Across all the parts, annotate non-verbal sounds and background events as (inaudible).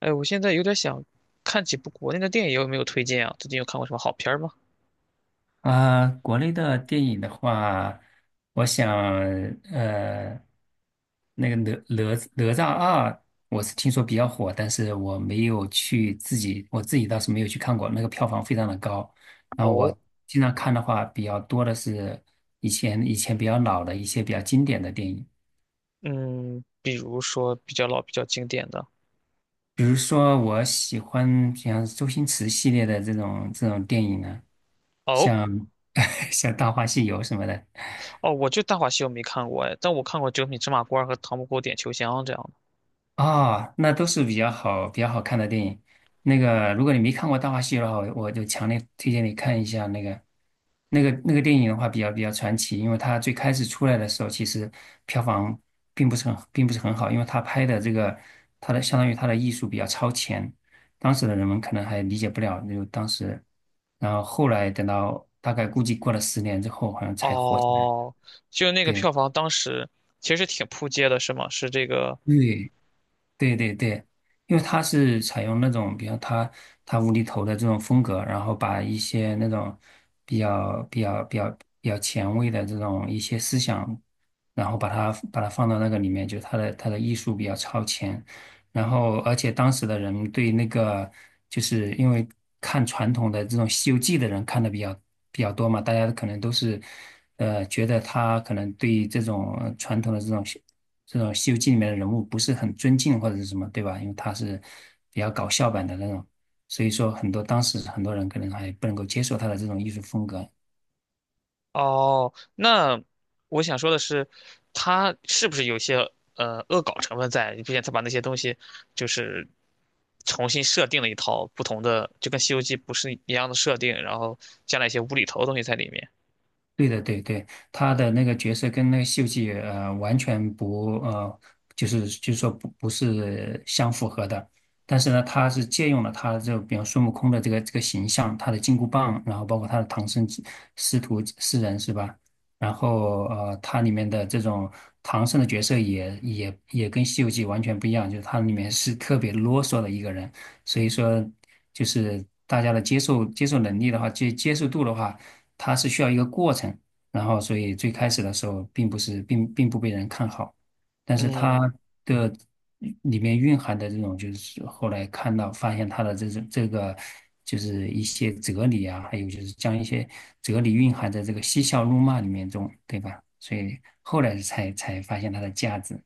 哎，我现在有点想看几部国内的电影，有没有推荐啊？最近有看过什么好片儿吗？啊，国内的电影的话，我想，呃，那个哪哪哪吒2，我是听说比较火，但是我没有去自己，我自己倒是没有去看过，那个票房非常的高。然后哦，我经常看的话，比较多的是以前比较老的一些比较经典的电影，嗯，比如说比较老、比较经典的。比如说我喜欢像周星驰系列的这种电影呢，哦像 (laughs) 像《大话西游》什么的。哦，我就《大话西游》没看过哎，但我看过《九品芝麻官》和《唐伯虎点秋香》这样的。啊，那都是比较好、比较好看的电影。那个，如果你没看过《大话西游》的话，我就强烈推荐你看一下那个电影的话，比较传奇，因为它最开始出来的时候，其实票房并不是很好，因为它拍的这个，它的相当于它的艺术比较超前，当时的人们可能还理解不了，就当时，然后后来等到大概估计过了10年之后，好像才火起来。哦，就那个对，票房当时其实挺扑街的，是吗？是这个对，对对对，因为他是采用那种，比如他无厘头的这种风格，然后把一些那种比较比较比较比较前卫的这种一些思想，然后把它放到那个里面，就他的艺术比较超前，然后而且当时的人对那个就是因为看传统的这种《西游记》的人看的比较多嘛，大家可能都是觉得他可能对这种传统的这种。这种《西游记》里面的人物不是很尊敬或者是什么，对吧？因为他是比较搞笑版的那种，所以说很多当时很多人可能还不能够接受他的这种艺术风格，哦，那我想说的是，他是不是有些恶搞成分在？你毕竟他把那些东西就是重新设定了一套不同的，就跟《西游记》不是一样的设定，然后加了一些无厘头的东西在里面。对的，对对，他的那个角色跟那个西游记》完全不，就是说不是相符合的。但是呢，他是借用了他的这个比方孙悟空的这个形象，他的金箍棒，然后包括他的唐僧师徒四人是吧？然后他里面的这种唐僧的角色也跟《西游记》完全不一样，就是它里面是特别啰嗦的一个人，所以说就是大家的接受能力的话，接受度的话。它是需要一个过程。然后，所以最开始的时候，并不是并不被人看好，但是它嗯，的里面蕴含的这种，就是后来看到发现它的这个，就是一些哲理啊，还有就是将一些哲理蕴含在这个嬉笑怒骂里面中，对吧？所以后来才发现它的价值。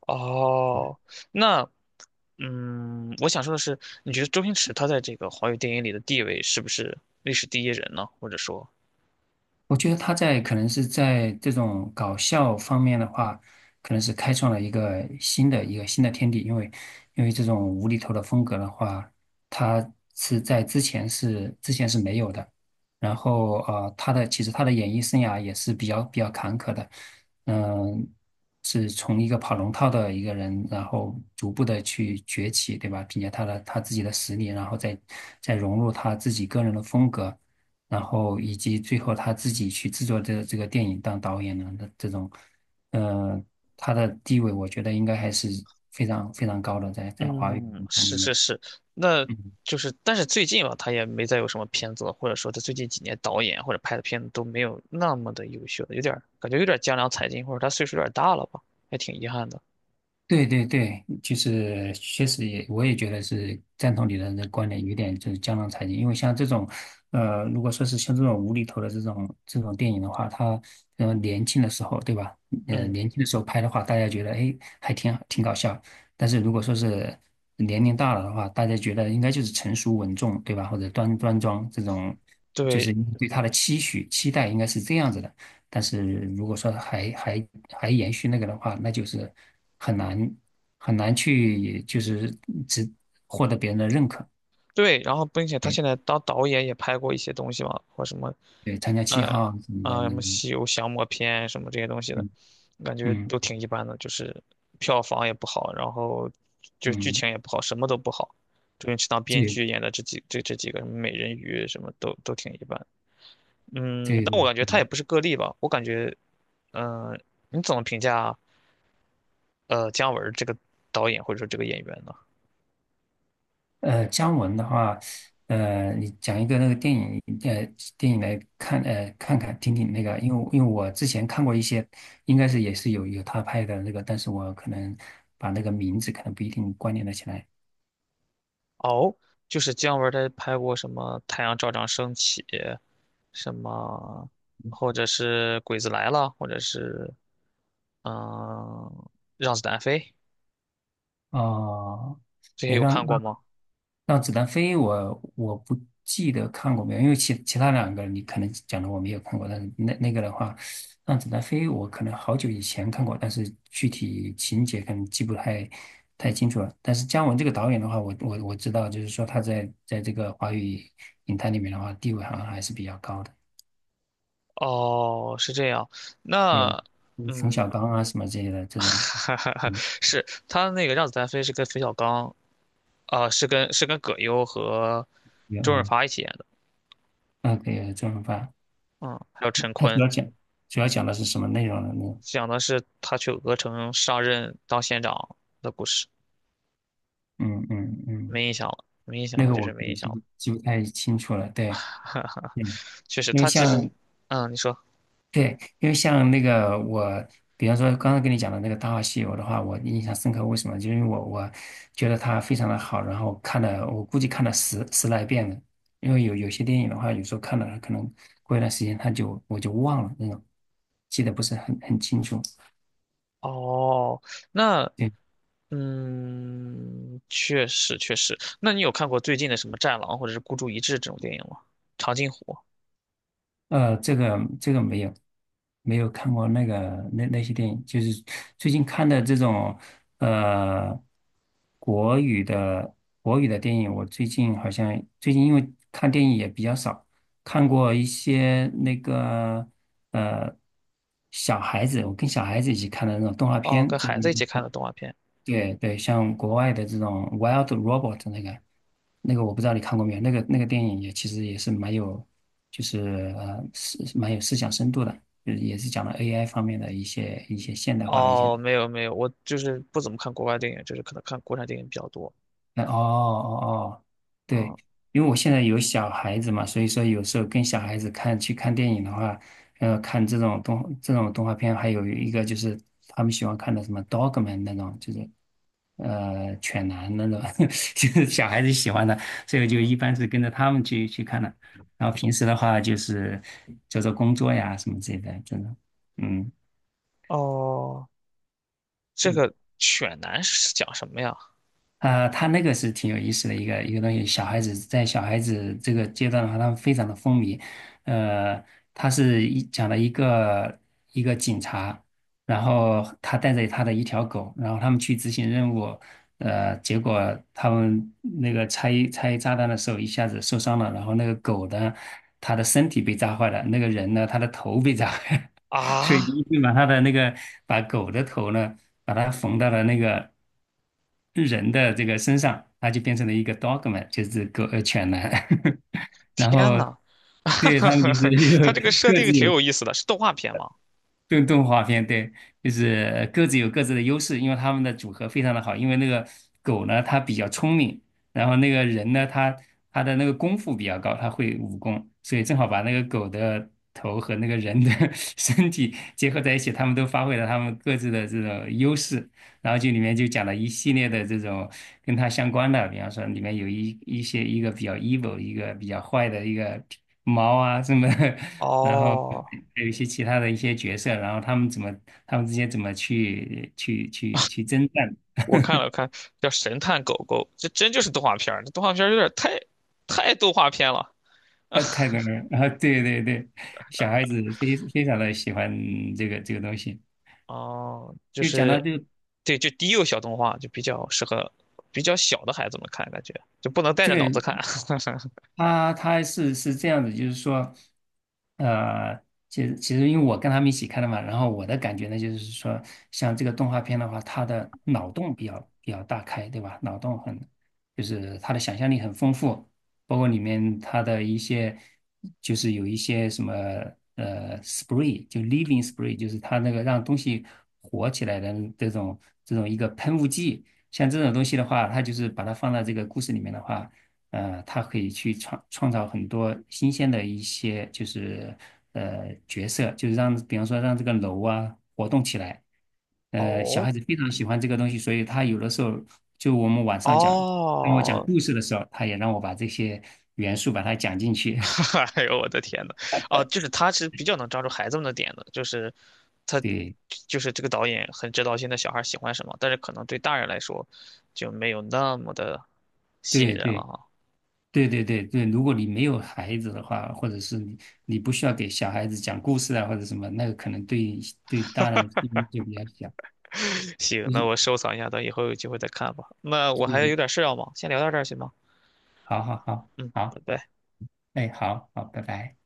哦，那嗯，我想说的是，你觉得周星驰他在这个华语电影里的地位是不是历史第一人呢？或者说？我觉得他可能是在这种搞笑方面的话，可能是开创了一个新的天地，因为这种无厘头的风格的话，他是在之前是没有的。然后其实他的演艺生涯也是比较坎坷的，嗯、是从一个跑龙套的一个人，然后逐步的去崛起，对吧？凭借他的他自己的实力，然后再融入他自己个人的风格。然后以及最后他自己去制作这个电影当导演的那这种，呃，他的地位我觉得应该还是非常非常高的，在华语嗯，影坛里是是面。是，那嗯就是，但是最近吧，他也没再有什么片子了，或者说他最近几年导演或者拍的片子都没有那么的优秀了，有点儿感觉有点儿江郎才尽，或者他岁数有点儿大了吧，还挺遗憾的。对对对，就是确实也，我也觉得是赞同你的这个观点，有点就是江郎才尽。因为像这种，如果说是像这种无厘头的这种电影的话，他年轻的时候，对吧？嗯，年轻的时候拍的话，大家觉得哎还挺搞笑。但是如果说是年龄大了的话，大家觉得应该就是成熟稳重，对吧？或者端庄这种，就是对，对他的期许期待应该是这样子的。但是如果说还延续那个的话，那就是很难很难去就是只获得别人的认可。对，然后并且他对现在当导演也拍过一些东西嘛，或什么，对，参加七呃，号啊什么的，啊、什那个么《西游降魔篇》什么这些东西的，嗯感觉嗯都挺一般的，就是票房也不好，然后就是剧嗯，情也不好，什么都不好。周星驰当编对剧演的这几这这几个什么美人鱼什么都都挺一般，嗯，对但对我感觉他也对。不是个例吧，我感觉，嗯、你怎么评价姜文儿这个导演或者说这个演员呢？姜文的话，你讲一个那个电影，电影来看，看看听听那个，因为我之前看过一些，应该是也是有他拍的那个，但是我可能把那个名字可能不一定关联得起来。哦，就是姜文儿他拍过什么《太阳照常升起》，什么，或者是《鬼子来了》，或者是嗯，让子弹飞》哦，这些对，有让看过吗？让子弹飞我不记得看过没有，因为其他两个你可能讲的我没有看过，但是那个的话，让子弹飞我可能好久以前看过，但是具体情节可能记不太清楚了。但是姜文这个导演的话，我知道，就是说他在这个华语影坛里面的话，地位好像还是比较高的。哦，是这样。对，那冯小嗯，刚啊什么之类的 (laughs) 这种，哈哈哈，嗯，是他那个《让子弹飞》是跟冯小刚啊、是跟是跟葛优和有周润嗯，发一起演的，那个周润发，嗯，还有陈他主坤，要讲主要讲的是什么内容呢？讲的是他去鹅城上任当县长的故事。嗯嗯嗯，没印象了，没印象那了，个就是我没我印记象了。不记不太清楚了。对，嗯，确实，因为他其实，像嗯，你说，对，因为像那个我，比方说刚刚跟你讲的那个《大话西游》的话，我印象深刻。为什么？就是因为我觉得它非常的好，然后看了我估计看了十来遍了。因为有些电影的话，有时候看了可能过一段时间它就我就忘了那种，记得不是很清楚。哦，那，对。嗯，确实确实。那你有看过最近的什么《战狼》或者是《孤注一掷》这种电影吗？长津湖。这个没有，没有看过那个那些电影，就是最近看的这种呃国语的国语的电影，我最近好像因为看电影也比较少，看过一些那个呃小孩子，我跟小孩子一起看的那种动画哦，片，跟就孩子是。一起看的动画片。对对，像国外的这种《Wild Robot》那个，那个我不知道你看过没有，那个电影也其实也是蛮有，就是蛮有思想深度的，就是也是讲了 AI 方面的一些现代化的一些哦，没有没有，我就是不怎么看国外电影，就是可能看国产电影比较多。那哦哦哦，对，啊、因为我现在有小孩子嘛，所以说有时候跟小孩子去看电影的话，看这种动画片，还有一个就是他们喜欢看的什么《Dogman》那种，就是犬男那种，(laughs) 就是小孩子喜欢的，所以我就一般是跟着他们去看的。然后平时的话就是做做工作呀什么之类的，真的，嗯。哦，这个犬男是讲什么呀？啊，他那个是挺有意思的一个东西。小孩子这个阶段的话，他们非常的风靡。呃，他是讲了一个警察，然后他带着他的一条狗，然后他们去执行任务。结果他们那个拆炸弹的时候一下子受伤了，然后那个狗呢，他的身体被炸坏了，那个人呢，他的头被炸 (laughs) 坏了。所水啊，泥就把他的那个把狗的头呢，把它缝到了那个人的这个身上，它就变成了一个 dogman,就是狗犬男。(laughs) 然天后呐，对他们就 (laughs) 是有他这个设各定自挺有有意思的，是动画片吗？动画片，对，就是各自有各自的优势，因为他们的组合非常的好。因为那个狗呢，它比较聪明，然后那个人呢，他的那个功夫比较高，他会武功，所以正好把那个狗的头和那个人的 (laughs) 身体结合在一起，他们都发挥了他们各自的这种优势。然后就里面就讲了一系列的这种跟他相关的，比方说里面有一个比较 evil,一个比较坏的一个猫啊什么的，(laughs) 然后哦，还有一些其他的一些角色，然后他们之间怎么去征战，我看了看，叫《神探狗狗》，这真就是动画片儿，这动画片儿有点太太动画片了。太 (laughs) 多了，然后对对对，小孩子非常的喜欢这个东西，哦，就就讲到是，就对，就低幼小动画，就比较适合比较小的孩子们看，感觉就不能带着脑子看。个。(laughs) 他是这样子，就是说，呃，其实因为我跟他们一起看的嘛，然后我的感觉呢，就是说，像这个动画片的话，它的脑洞比较大开，对吧？脑洞很，就是它的想象力很丰富，包括里面它的一些，就是有一些什么spree 就 living spree,就是它那个让东西活起来的这种这种一个喷雾剂，像这种东西的话，它就是把它放到这个故事里面的话。他可以去创造很多新鲜的一些，就是角色，就是让，比方说让这个楼啊活动起来。小哦，孩子非常喜欢这个东西，所以他有的时候就我们晚上讲，让我讲哦，故事的时候，他也让我把这些元素把它讲进去。(laughs) (laughs) 哎呦我的天呐，哦，就是他是比较能抓住孩子们的点的，就是他对就是这个导演很知道现在小孩喜欢什么，但是可能对大人来说就没有那么的吸引对人了对哈。对对对对，如果你没有孩子的话，或者是你不需要给小孩子讲故事啊，或者什么，那个可能对大人意义就比较小。(laughs) 行，就那是我收藏一下，等以后有机会再看吧。那我还对，有点事要忙，先聊到这儿行吗？好好好嗯，好。拜拜。哎，好好，拜拜。